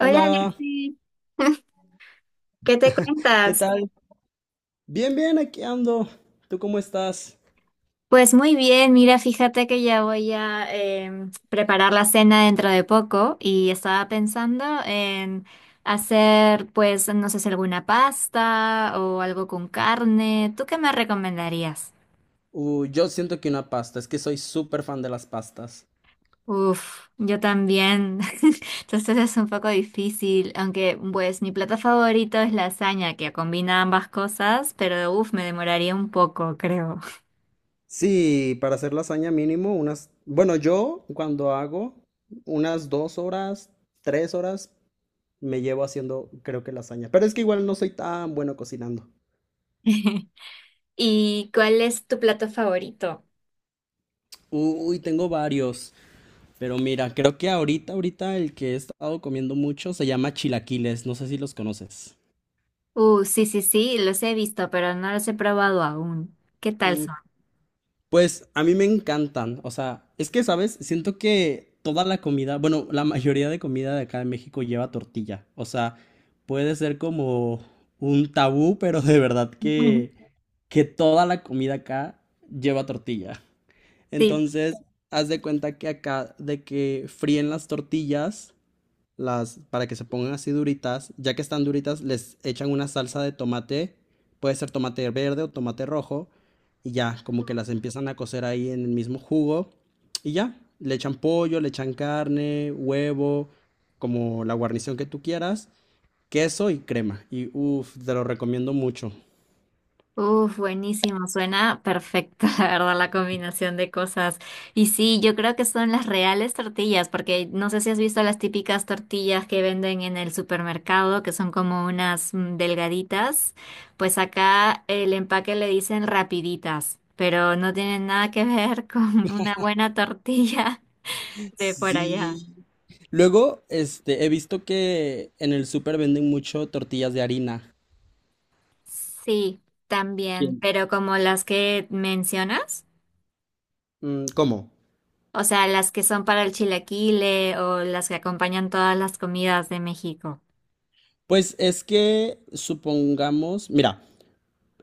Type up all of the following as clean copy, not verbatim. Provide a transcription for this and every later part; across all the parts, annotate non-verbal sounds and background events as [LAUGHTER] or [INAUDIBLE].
Hola Alexis, ¿qué te ¿qué cuentas? tal? Bien, bien, aquí ando. ¿Tú cómo estás? Pues muy bien, mira, fíjate que ya voy a preparar la cena dentro de poco y estaba pensando en hacer, pues, no sé si alguna pasta o algo con carne. ¿Tú qué me recomendarías? Yo siento que una pasta, es que soy súper fan de las pastas. Uf, yo también. [LAUGHS] Entonces es un poco difícil, aunque pues mi plato favorito es lasaña, que combina ambas cosas, pero uf, me demoraría un poco, creo. Sí, para hacer lasaña mínimo, Bueno, yo cuando hago unas 2 horas, 3 horas, me llevo haciendo, creo que lasaña. Pero es que igual no soy tan bueno cocinando. [LAUGHS] ¿Y cuál es tu plato favorito? Uy, tengo varios. Pero mira, creo que ahorita el que he estado comiendo mucho se llama chilaquiles. No sé si los conoces. Sí, sí, sí, los he visto, pero no los he probado aún. ¿Qué tal son? Pues a mí me encantan, o sea, es que, ¿sabes? Siento que toda la comida, bueno, la mayoría de comida de acá de México lleva tortilla, o sea, puede ser como un tabú, [LAUGHS] pero de verdad Ujú. Que toda la comida acá lleva tortilla. Sí. Entonces, haz de cuenta que acá de que fríen las tortillas las, para que se pongan así duritas, ya que están duritas, les echan una salsa de tomate, puede ser tomate verde o tomate rojo, y ya, como que las empiezan a cocer ahí en el mismo jugo, y ya, le echan pollo, le echan carne, huevo, como la guarnición que tú quieras, queso y crema, y uff, te lo recomiendo mucho. Uf, buenísimo, suena perfecta, [LAUGHS] la verdad, la combinación de cosas. Y sí, yo creo que son las reales tortillas, porque no sé si has visto las típicas tortillas que venden en el supermercado, que son como unas delgaditas. Pues acá el empaque le dicen rapiditas, pero no tienen nada que ver [LAUGHS] con una buena tortilla de por allá. Sí. Luego, este, he visto que en el súper venden mucho tortillas de harina. Sí, también, ¿Quién? pero como las que mencionas, Mm, ¿cómo? o sea, las que son para el chilaquile o las que acompañan todas las comidas de México. Pues es que supongamos, mira,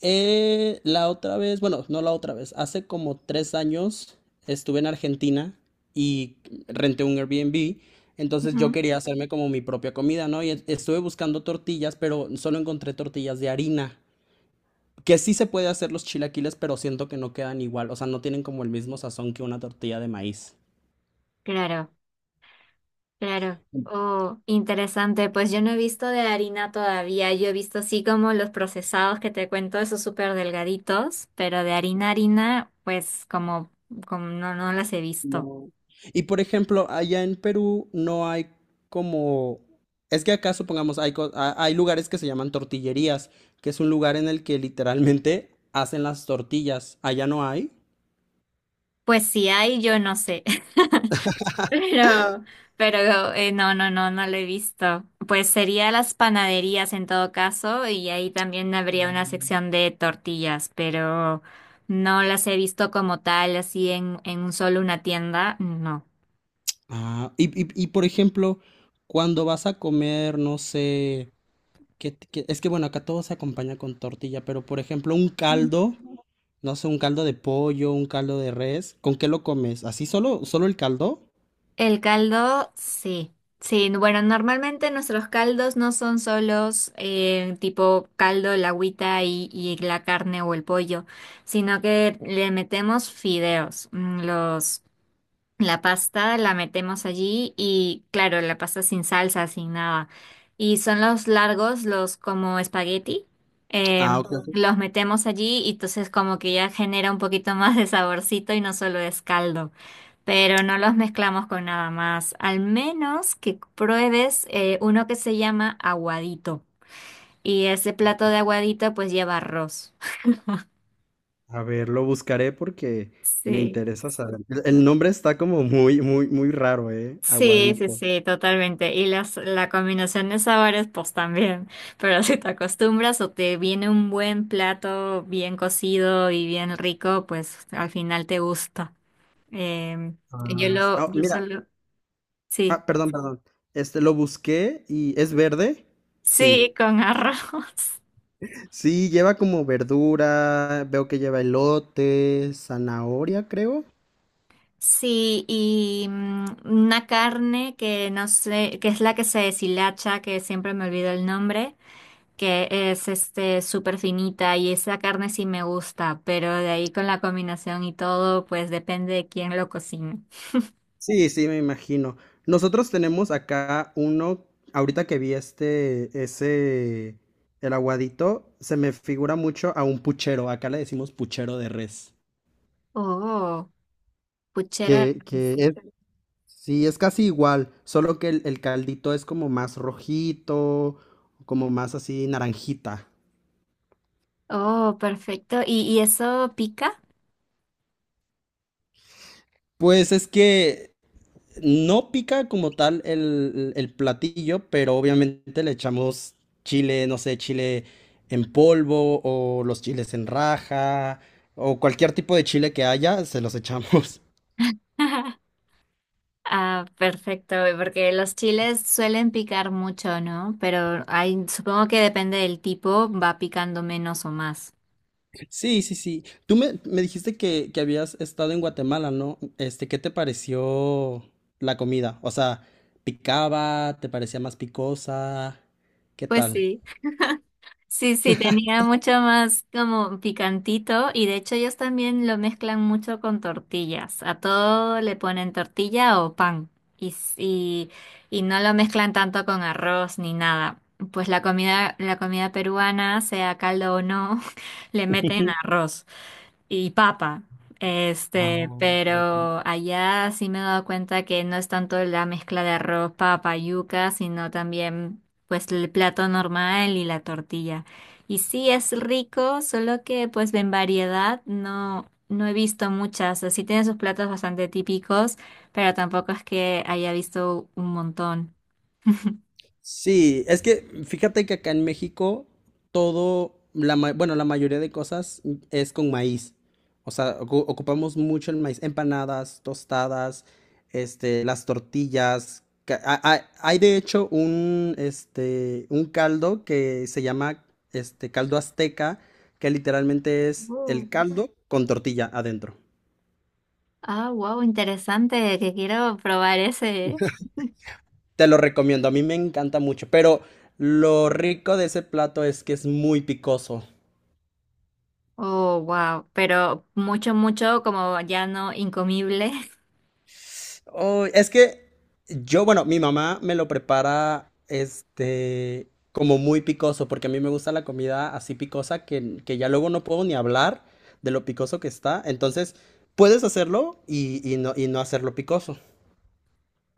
la otra vez, bueno, no la otra vez, hace como 3 años estuve en Argentina y renté un Airbnb, entonces yo Ujú. quería hacerme como mi propia comida, ¿no? Y estuve buscando tortillas, pero solo encontré tortillas de harina, que sí se puede hacer los chilaquiles, pero siento que no quedan igual, o sea, no tienen como el mismo sazón que una tortilla de maíz. Claro, claro. Oh, interesante. Pues yo no he visto de harina todavía. Yo he visto así como los procesados que te cuento, esos súper delgaditos, pero de harina, harina, pues como no, no las he visto. No. Y por ejemplo, allá en Perú no hay como... Es que acá supongamos, hay, hay lugares que se llaman tortillerías, que es un lugar en el que literalmente hacen las tortillas. Allá no hay. Pues si hay, yo no sé. [LAUGHS] Pero, pero no, no, no, no lo he visto. Pues sería las panaderías en todo caso, y ahí también habría una sección de tortillas, pero no las he visto como tal, así en un solo una tienda, no. Ah, y, por ejemplo, cuando vas a comer, no sé, es que bueno, acá todo se acompaña con tortilla, pero por ejemplo, un caldo, no sé, un caldo de pollo, un caldo de res, ¿con qué lo comes? ¿Así solo, solo el caldo? El caldo, sí. Sí, bueno, normalmente nuestros caldos no son solos tipo caldo, la agüita y la carne o el pollo, sino que le metemos fideos, mm, los La pasta la metemos allí y claro, la pasta sin salsa, sin nada. Y son los largos, los como espagueti. eh, Ah, ok. los metemos allí y entonces como que ya genera un poquito más de saborcito y no solo es caldo. Pero no los mezclamos con nada más. Al menos que pruebes uno que se llama aguadito. Y ese plato de aguadito pues lleva arroz. [LAUGHS] A ver, lo buscaré porque me Sí. interesa saber. El nombre está como muy, muy, muy raro, ¿eh? Sí, sí, Aguadito. sí, totalmente. Y la combinación de sabores, pues también. [LAUGHS] Pero si te acostumbras o te viene un buen plato bien cocido y bien rico, pues al final te gusta. Em, Ah, yo mira. solo, sí, Ah, perdón, perdón. Este, lo busqué y ¿es verde? Sí. sí, con [LAUGHS] arroz. Sí, lleva como verdura, veo que lleva elote, zanahoria, creo. Sí, y una carne que no sé, que es la que se deshilacha, que siempre me olvido el nombre. Que es súper finita y esa carne sí me gusta, pero de ahí con la combinación y todo, pues depende de quién lo cocina. Sí, sí, me imagino. Nosotros tenemos acá uno, ahorita que vi este, ese, el aguadito, se me figura mucho a un puchero. Acá le decimos puchero de res. Oh, puchera de Que res. es, sí, es casi igual, solo que el caldito es como más rojito, como más así naranjita. Oh, perfecto. ¿Y eso pica? Pues es que no pica como tal el platillo, pero obviamente le echamos chile, no sé, chile en polvo o los chiles en raja o cualquier tipo de chile que haya, se los echamos. [LAUGHS] [LAUGHS] Ah, perfecto, porque los chiles suelen picar mucho, ¿no? Pero hay, supongo que depende del tipo, va picando menos o más. Sí, sí, sí. Tú me dijiste que habías estado en Guatemala, ¿no? Este, ¿qué te pareció la comida? O sea, ¿picaba? ¿Te parecía más picosa? ¿Qué Pues tal? sí. Sí, sí, tenía mucho más como picantito y de hecho ellos también lo mezclan mucho con tortillas. A todo le ponen tortilla o pan y, s- y, y no lo mezclan tanto con arroz ni nada. Pues la comida peruana, sea caldo o no, [LAUGHS] le meten [LAUGHS] arroz y papa. Ah, ok. Pero allá sí me he dado cuenta que no es tanto la mezcla de arroz, papa, yuca, sino también pues el plato normal y la tortilla. Y sí es rico, solo que pues en variedad no, no he visto muchas. O sea, sí tiene sus platos bastante típicos, pero tampoco es que haya visto un montón. Sí, es que fíjate que acá en México todo, la, bueno, la mayoría de cosas es con maíz. O sea, ocupamos mucho el maíz, empanadas, tostadas, este, las tortillas. Hay, de hecho un, este, un caldo que se llama este, caldo azteca, que literalmente es Oh. el caldo con tortilla adentro. Ah, wow, interesante, que quiero probar ese. Te lo recomiendo, a mí me encanta mucho, pero lo rico de ese plato es que es muy picoso. Oh, wow, pero mucho, mucho como ya no incomible. [LAUGHS] Oh, es que yo, bueno, mi mamá me lo prepara, este, como muy picoso, porque a mí me gusta la comida así picosa que ya luego no puedo ni hablar de lo picoso que está. Entonces, puedes hacerlo y no, y no hacerlo picoso.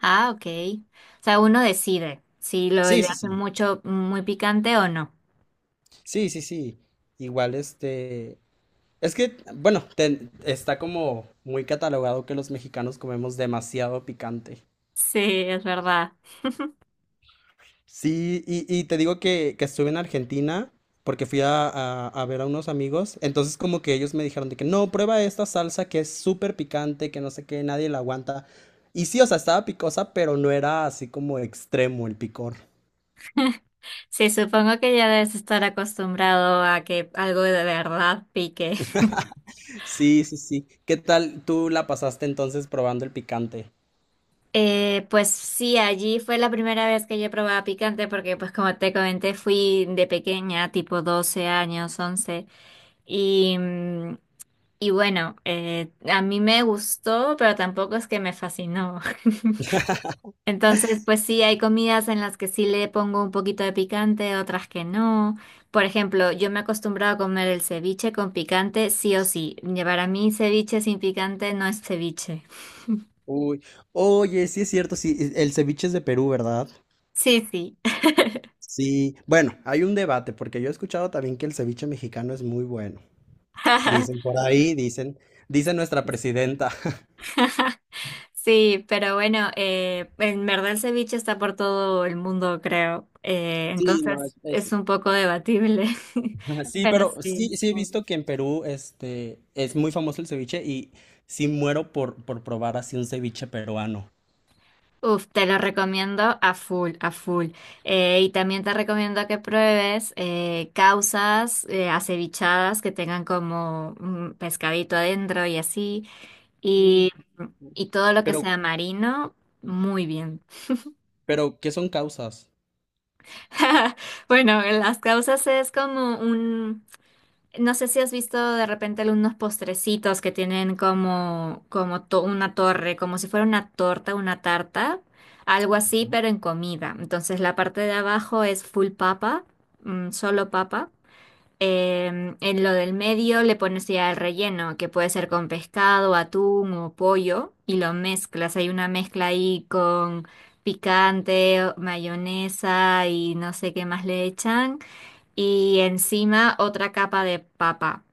Ah, ok. O sea, uno decide si lo Sí, le sí, hace sí. mucho, muy picante o no. Sí, sí, sí. Igual, este, es que, bueno, está como muy catalogado que los mexicanos comemos demasiado picante. Sí, es verdad. Sí, y te digo que estuve en Argentina porque fui a, a ver a unos amigos, entonces como que ellos me dijeron de que no, prueba esta salsa que es súper picante, que no sé qué, nadie la aguanta. Y sí, o sea, estaba picosa, pero no era así como extremo el picor. Sí, supongo que ya debes estar acostumbrado a que algo de verdad pique. [LAUGHS] Sí, sí, sí. ¿Qué tal tú la pasaste entonces probando el picante? Pues sí, allí fue la primera vez que yo probaba picante porque pues como te comenté fui de pequeña, tipo 12 años, 11. Y mm, Y bueno, a mí me gustó, pero tampoco es que me fascinó. [LAUGHS] Entonces, pues sí, hay comidas en las que sí le pongo un poquito de picante, otras que no. Por ejemplo, yo me he acostumbrado a comer el ceviche con picante, sí o sí. Para mí, ceviche sin picante no es ceviche. Uy, oye, sí es cierto, sí, el ceviche es de Perú, ¿verdad? Sí, sí. Sí, bueno, hay un debate porque yo he escuchado también que el ceviche mexicano es muy bueno. Dicen por [LAUGHS] ahí, dicen, dice nuestra presidenta. [LAUGHS] Sí, pero bueno, en verdad el ceviche está por todo el mundo, creo. Sí, no, Entonces, es un poco debatible. [LAUGHS] [LAUGHS] sí, Pero pero sí. sí, sí he visto que en Perú, este, es muy famoso el ceviche y sí muero por probar así un ceviche peruano. Uf, te lo recomiendo a full, a full. Y también te recomiendo que pruebes causas acevichadas que tengan como un pescadito adentro y así. Uy, Y, ujú. y todo lo que Pero, sea marino, muy bien. pero, ¿qué son causas? [LAUGHS] Bueno, las causas es como un. No sé si has visto de repente algunos postrecitos que tienen como una torre, como si fuera una torta, una tarta, algo así, pero en comida. Entonces la parte de abajo es full papa, solo papa. En lo del medio le pones ya el relleno, que puede ser con pescado, atún o pollo, y lo mezclas. Hay una mezcla ahí con picante, mayonesa y no sé qué más le echan. Y encima otra capa de papa.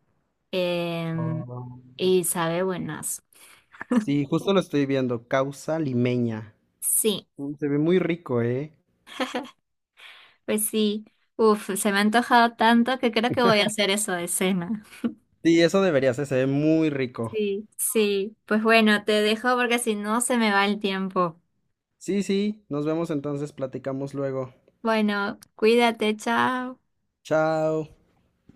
Em, Ah. y sabe buenas. Sí, justo lo estoy viendo, causa limeña. Sí, Mm, se ve muy rico, ¿eh? pues sí. Uf, se me ha antojado tanto que creo que voy a hacer eso de cena. Sí, eso debería ser, se ve muy rico. Sí, sí. Pues bueno, te dejo porque si no se me va el tiempo. Sí, sí, nos vemos entonces, platicamos luego. Bueno, cuídate, chao. Chao.